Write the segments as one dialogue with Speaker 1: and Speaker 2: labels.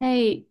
Speaker 1: 哎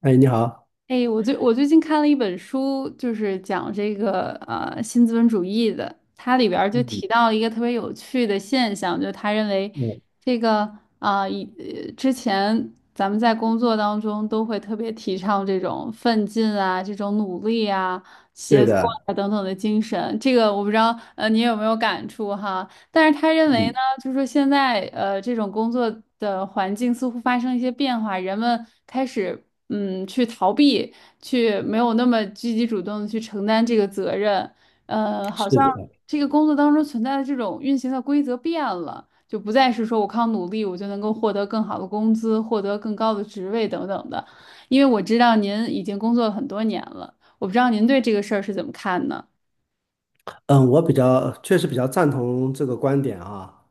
Speaker 2: 哎，你好。
Speaker 1: 哎，我最近看了一本书，就是讲这个新资本主义的，它里边儿就
Speaker 2: 嗯
Speaker 1: 提到了一个特别有趣的现象，就是他认为
Speaker 2: 嗯，
Speaker 1: 这个之前咱们在工作当中都会特别提倡这种奋进啊、这种努力啊、
Speaker 2: 对
Speaker 1: 协作
Speaker 2: 的。
Speaker 1: 啊等等的精神，这个我不知道你有没有感触哈？但是他认为呢，
Speaker 2: 嗯，
Speaker 1: 就是说现在这种工作的环境似乎发生一些变化，人们开始去逃避，去没有那么积极主动的去承担这个责任，好
Speaker 2: 是
Speaker 1: 像
Speaker 2: 的。
Speaker 1: 这个工作当中存在的这种运行的规则变了，就不再是说我靠努力我就能够获得更好的工资，获得更高的职位等等的。因为我知道您已经工作了很多年了，我不知道您对这个事儿是怎么看呢？
Speaker 2: 嗯，我确实比较赞同这个观点啊。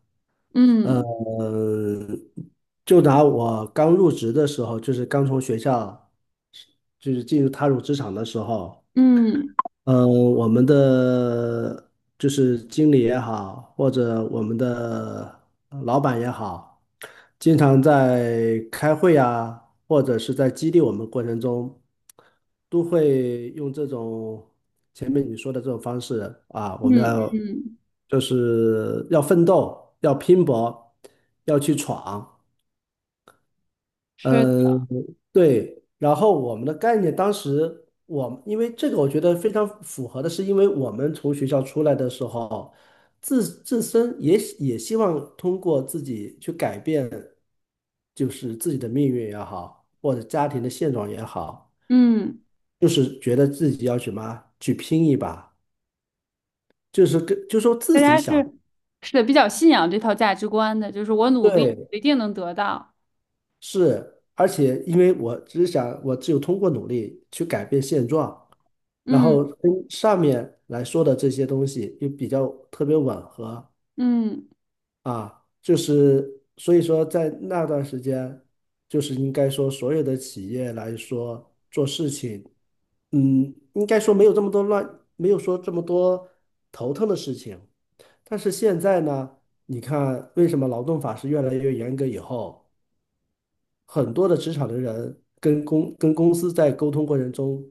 Speaker 1: 嗯
Speaker 2: 嗯，就拿我刚入职的时候，就是刚从学校，就是踏入职场的时候，
Speaker 1: 嗯嗯
Speaker 2: 嗯，我们的就是经理也好，或者我们的老板也好。经常在开会啊，或者是在激励我们过程中，都会用这种前面你说的这种方式啊，我们
Speaker 1: 嗯，
Speaker 2: 要
Speaker 1: 嗯
Speaker 2: 就是要奋斗，要拼搏，要去闯。
Speaker 1: 是
Speaker 2: 嗯，对。然后我们的概念，当时我们因为这个，我觉得非常符合的是，因为我们从学校出来的时候，自身也希望通过自己去改变，就是自己的命运也好，或者家庭的现状也好，
Speaker 1: 嗯，
Speaker 2: 就是觉得自己要去什么去拼一把，就是说
Speaker 1: 大
Speaker 2: 自己
Speaker 1: 家
Speaker 2: 想。
Speaker 1: 是是的，比较信仰这套价值观的，就是我努力，
Speaker 2: 对，
Speaker 1: 我一定能得到。
Speaker 2: 是，而且因为我只想，我只有通过努力去改变现状，然后
Speaker 1: 嗯
Speaker 2: 跟上面来说的这些东西又比较特别吻合
Speaker 1: 嗯，
Speaker 2: 啊，就是所以说在那段时间，就是应该说所有的企业来说做事情。嗯，应该说没有这么多乱，没有说这么多头疼的事情。但是现在呢，你看为什么劳动法是越来越严格以后，很多的职场的人跟公司在沟通过程中，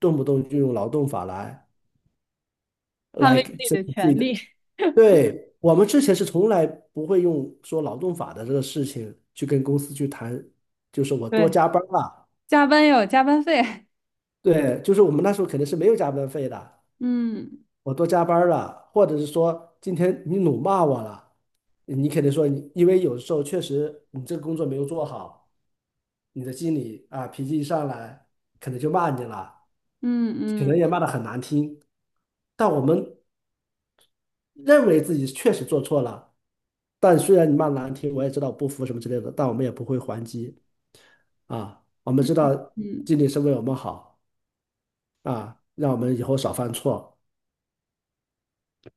Speaker 2: 动不动就用劳动法来。
Speaker 1: 捍卫
Speaker 2: like
Speaker 1: 自己
Speaker 2: 这
Speaker 1: 的
Speaker 2: 个自
Speaker 1: 权
Speaker 2: 己的，
Speaker 1: 利，
Speaker 2: 对，我们之前是从来不会用说劳动法的这个事情去跟公司去谈，就是 我多
Speaker 1: 对，
Speaker 2: 加班儿了。
Speaker 1: 加班要有加班费。
Speaker 2: 对，就是我们那时候肯定是没有加班费的，
Speaker 1: 嗯
Speaker 2: 我多加班儿了，或者是说今天你辱骂我了，你肯定说你，因为有时候确实你这个工作没有做好，你的经理啊脾气一上来，可能就骂你了，
Speaker 1: 嗯
Speaker 2: 可能
Speaker 1: 嗯
Speaker 2: 也骂得很难听，但我们认为自己确实做错了，但虽然你骂难听，我也知道不服什么之类的，但我们也不会还击啊。我们
Speaker 1: 嗯
Speaker 2: 知道
Speaker 1: 嗯，
Speaker 2: 经理是为我们好啊，让我们以后少犯错。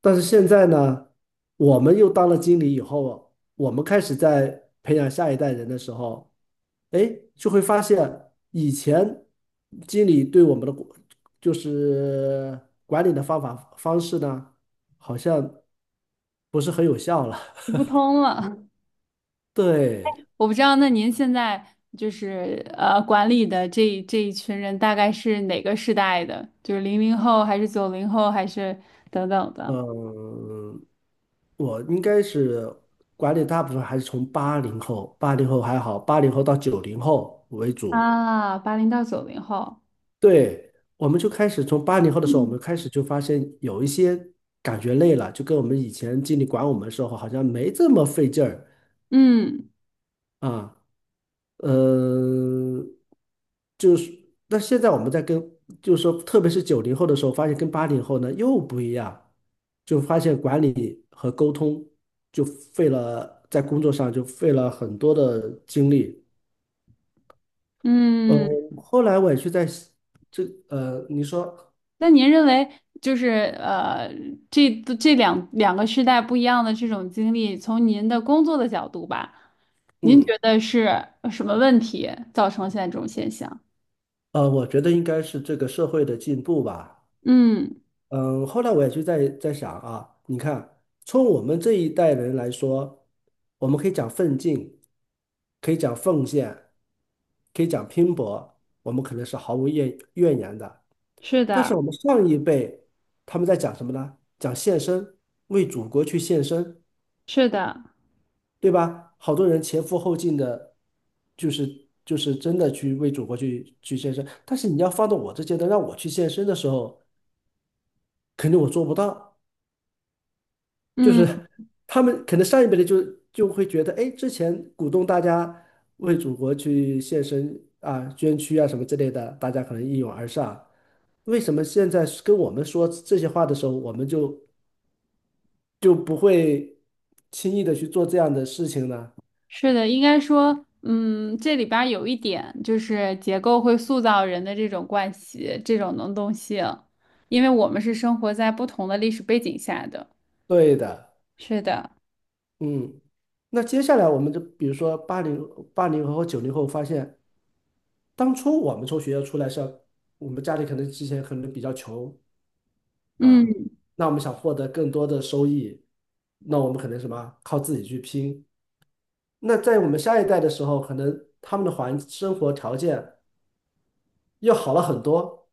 Speaker 2: 但是现在呢，我们又当了经理以后，我们开始在培养下一代人的时候，哎，就会发现以前经理对我们的管就是管理的方法方式呢，好像不是很有效了。
Speaker 1: 行不通了。
Speaker 2: 对。
Speaker 1: 我不知道，那您现在就是管理的这一群人大概是哪个时代的？就是零零后还是九零后还是等等的？
Speaker 2: 嗯，我应该是管理大部分还是从八零后，八零后还好，八零后到九零后为主。
Speaker 1: 啊，80到90后。
Speaker 2: 对，我们就开始从八零后的时候，我
Speaker 1: 嗯
Speaker 2: 们开始就发现有一些感觉累了，就跟我们以前经理管我们的时候好像没这么费劲儿
Speaker 1: 嗯。
Speaker 2: 啊。嗯，就是，那现在我们在跟，就是说，特别是九零后的时候，发现跟八零后呢又不一样，就发现管理和沟通就费了，在工作上就费了很多的精力。呃，
Speaker 1: 嗯，
Speaker 2: 后来我也去在这，呃，你说，
Speaker 1: 那您认为就是呃，这这两个时代不一样的这种经历，从您的工作的角度吧，您
Speaker 2: 嗯，
Speaker 1: 觉得是什么问题造成了现在这种现象？
Speaker 2: 呃，我觉得应该是这个社会的进步吧。
Speaker 1: 嗯，
Speaker 2: 嗯，后来我也去在想啊，你看，从我们这一代人来说，我们可以讲奋进，可以讲奉献，可以讲拼搏，我们可能是毫无怨言的。
Speaker 1: 是
Speaker 2: 但是
Speaker 1: 的，
Speaker 2: 我们上一辈，他们在讲什么呢？讲献身，为祖国去献身，
Speaker 1: 是的，
Speaker 2: 对吧？好多人前赴后继的，就是真的去为祖国去献身。但是你要放到我这阶段，让我去献身的时候，肯定我做不到。就
Speaker 1: 嗯，
Speaker 2: 是他们可能上一辈的就会觉得，哎，之前鼓动大家为祖国去献身啊、捐躯啊什么之类的，大家可能一拥而上。为什么现在跟我们说这些话的时候，我们就不会轻易的去做这样的事情呢？
Speaker 1: 是的，应该说，嗯，这里边儿有一点就是结构会塑造人的这种惯习，这种能动性，因为我们是生活在不同的历史背景下的。
Speaker 2: 对的，
Speaker 1: 是的，
Speaker 2: 嗯。那接下来我们就比如说八零后和九零后，发现当初我们从学校出来是要，我们家里可能之前可能比较穷，啊，
Speaker 1: 嗯，
Speaker 2: 那我们想获得更多的收益，那我们可能什么，靠自己去拼。那在我们下一代的时候，可能他们的生活条件又好了很多，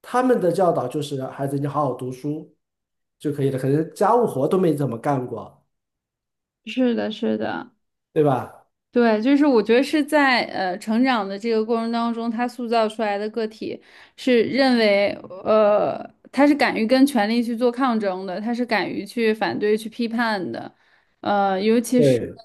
Speaker 2: 他们的教导就是孩子你好好读书就可以了，可能家务活都没怎么干过，
Speaker 1: 是的，是的。
Speaker 2: 对吧？
Speaker 1: 对，就是我觉得是在成长的这个过程当中，他塑造出来的个体是认为，呃，他是敢于跟权力去做抗争的，他是敢于去反对、去批判的，呃，尤其是
Speaker 2: 对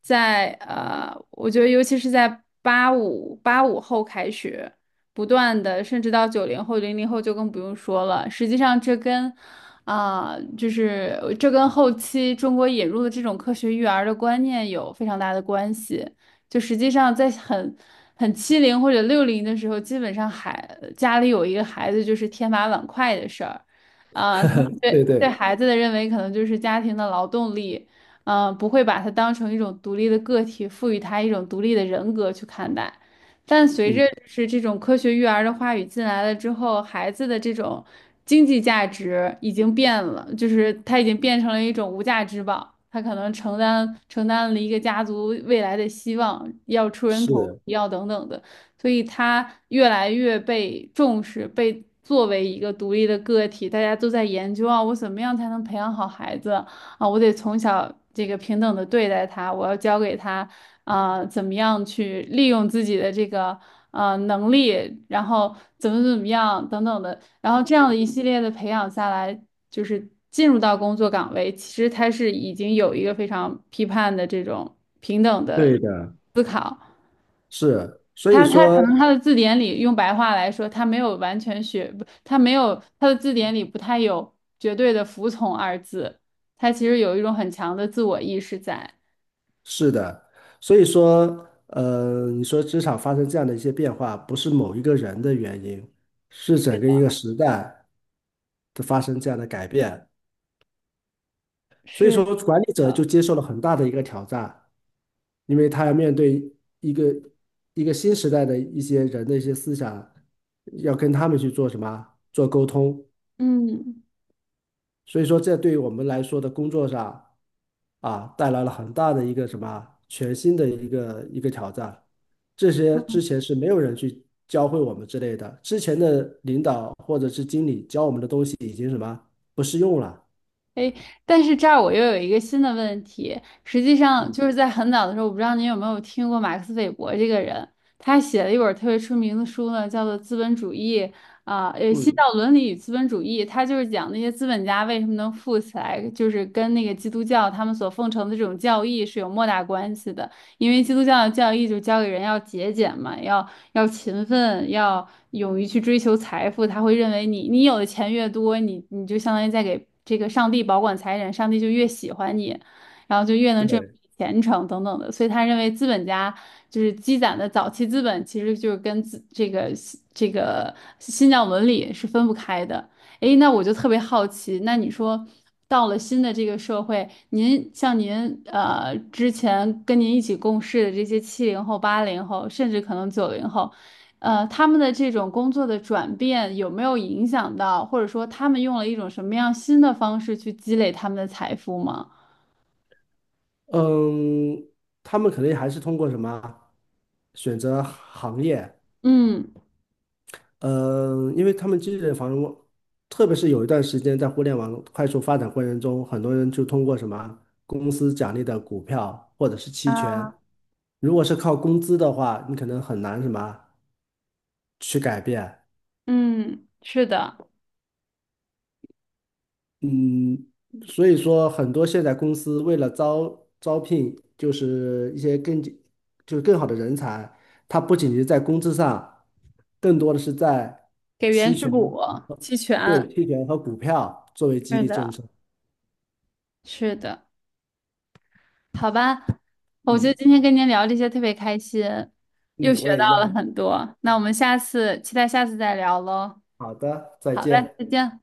Speaker 1: 在呃，我觉得尤其是在八五后开始。不断的，甚至到90后、00后就更不用说了。实际上，这跟啊、就是这跟后期中国引入的这种科学育儿的观念有非常大的关系。就实际上，在很七零或者60的时候，基本上孩家里有一个孩子就是天马碗筷的事儿，啊、他们对
Speaker 2: 对对，
Speaker 1: 对孩子的认为可能就是家庭的劳动力，嗯、不会把他当成一种独立的个体，赋予他一种独立的人格去看待。但随
Speaker 2: 嗯，
Speaker 1: 着就是这种科学育儿的话语进来了之后，孩子的这种经济价值已经变了，就是他已经变成了一种无价之宝，他可能承担了一个家族未来的希望，要出人头
Speaker 2: 是，
Speaker 1: 地，要等等的，所以他越来越被重视，被作为一个独立的个体，大家都在研究啊，我怎么样才能培养好孩子啊？我得从小这个平等的对待他，我要教给他。啊，怎么样去利用自己的这个能力，然后怎么样等等的，然后这样的一系列的培养下来，就是进入到工作岗位，其实他是已经有一个非常批判的这种平等的。
Speaker 2: 对的。是，所以
Speaker 1: 他可
Speaker 2: 说。
Speaker 1: 能他的字典里用白话来说，他没有完全学，不，他没有他的字典里不太有绝对的服从二字，他其实有一种很强的自我意识在。
Speaker 2: 是的，所以说，呃，你说职场发生这样的一些变化，不是某一个人的原因，是整个一个时代的发生这样的改变。所以
Speaker 1: 是
Speaker 2: 说，管理者
Speaker 1: 的，
Speaker 2: 就接受了很大的一个挑战，因为他要面对一个一个新时代的一些人的一些思想，要跟他们去做什么，做沟通。
Speaker 1: 嗯。
Speaker 2: 所以说，这对于我们来说的工作上。啊，带来了很大的一个什么啊全新的一个挑战。这些之前是没有人去教会我们之类的，之前的领导或者是经理教我们的东西已经什么啊不适用了。
Speaker 1: 哎，但是这儿我又有一个新的问题，实际上
Speaker 2: 嗯
Speaker 1: 就是在很早的时候，我不知道您有没有听过马克思韦伯这个人，他写了一本儿特别出名的书呢，叫做《资本主义》啊，《新
Speaker 2: 嗯，
Speaker 1: 教伦理与资本主义》，他就是讲那些资本家为什么能富起来，就是跟那个基督教他们所奉承的这种教义是有莫大关系的，因为基督教的教义就教给人要节俭嘛，要勤奋，要勇于去追求财富，他会认为你有的钱越多，你就相当于在给这个上帝保管财产，上帝就越喜欢你，然后就越能挣明
Speaker 2: 对，
Speaker 1: 你虔诚等等的。所以他认为资本家就是积攒的早期资本，其实就是跟自这个这个新教伦理是分不开的。诶，那我就特别好奇，那你说到了新的这个社会，您之前跟您一起共事的这些70后、80后，甚至可能九零后，他们的这种工作的转变有没有影响到，或者说他们用了一种什么样新的方式去积累他们的财富吗？
Speaker 2: 嗯，他们肯定还是通过什么啊选择行业。
Speaker 1: 嗯
Speaker 2: 嗯，因为他们积累的房屋，特别是有一段时间在互联网快速发展过程中，很多人就通过什么公司奖励的股票或者是期
Speaker 1: 啊，
Speaker 2: 权，如果是靠工资的话，你可能很难什么去改变。
Speaker 1: 嗯，是的，
Speaker 2: 嗯，所以说很多现在公司为了招聘，就是一些更就是更好的人才，它不仅是在工资上，更多的是在
Speaker 1: 给
Speaker 2: 期
Speaker 1: 原始
Speaker 2: 权，
Speaker 1: 股期
Speaker 2: 对，
Speaker 1: 权，
Speaker 2: 期权和股票作为激
Speaker 1: 是
Speaker 2: 励政
Speaker 1: 的，
Speaker 2: 策。
Speaker 1: 是的。好吧，我觉得
Speaker 2: 嗯
Speaker 1: 今天跟您聊这些特别开心，又
Speaker 2: 嗯，
Speaker 1: 学
Speaker 2: 我
Speaker 1: 到
Speaker 2: 也一
Speaker 1: 了
Speaker 2: 样。
Speaker 1: 很多。那我们下次期待下次再聊喽。
Speaker 2: 好的，再
Speaker 1: 好嘞，
Speaker 2: 见。
Speaker 1: 再见。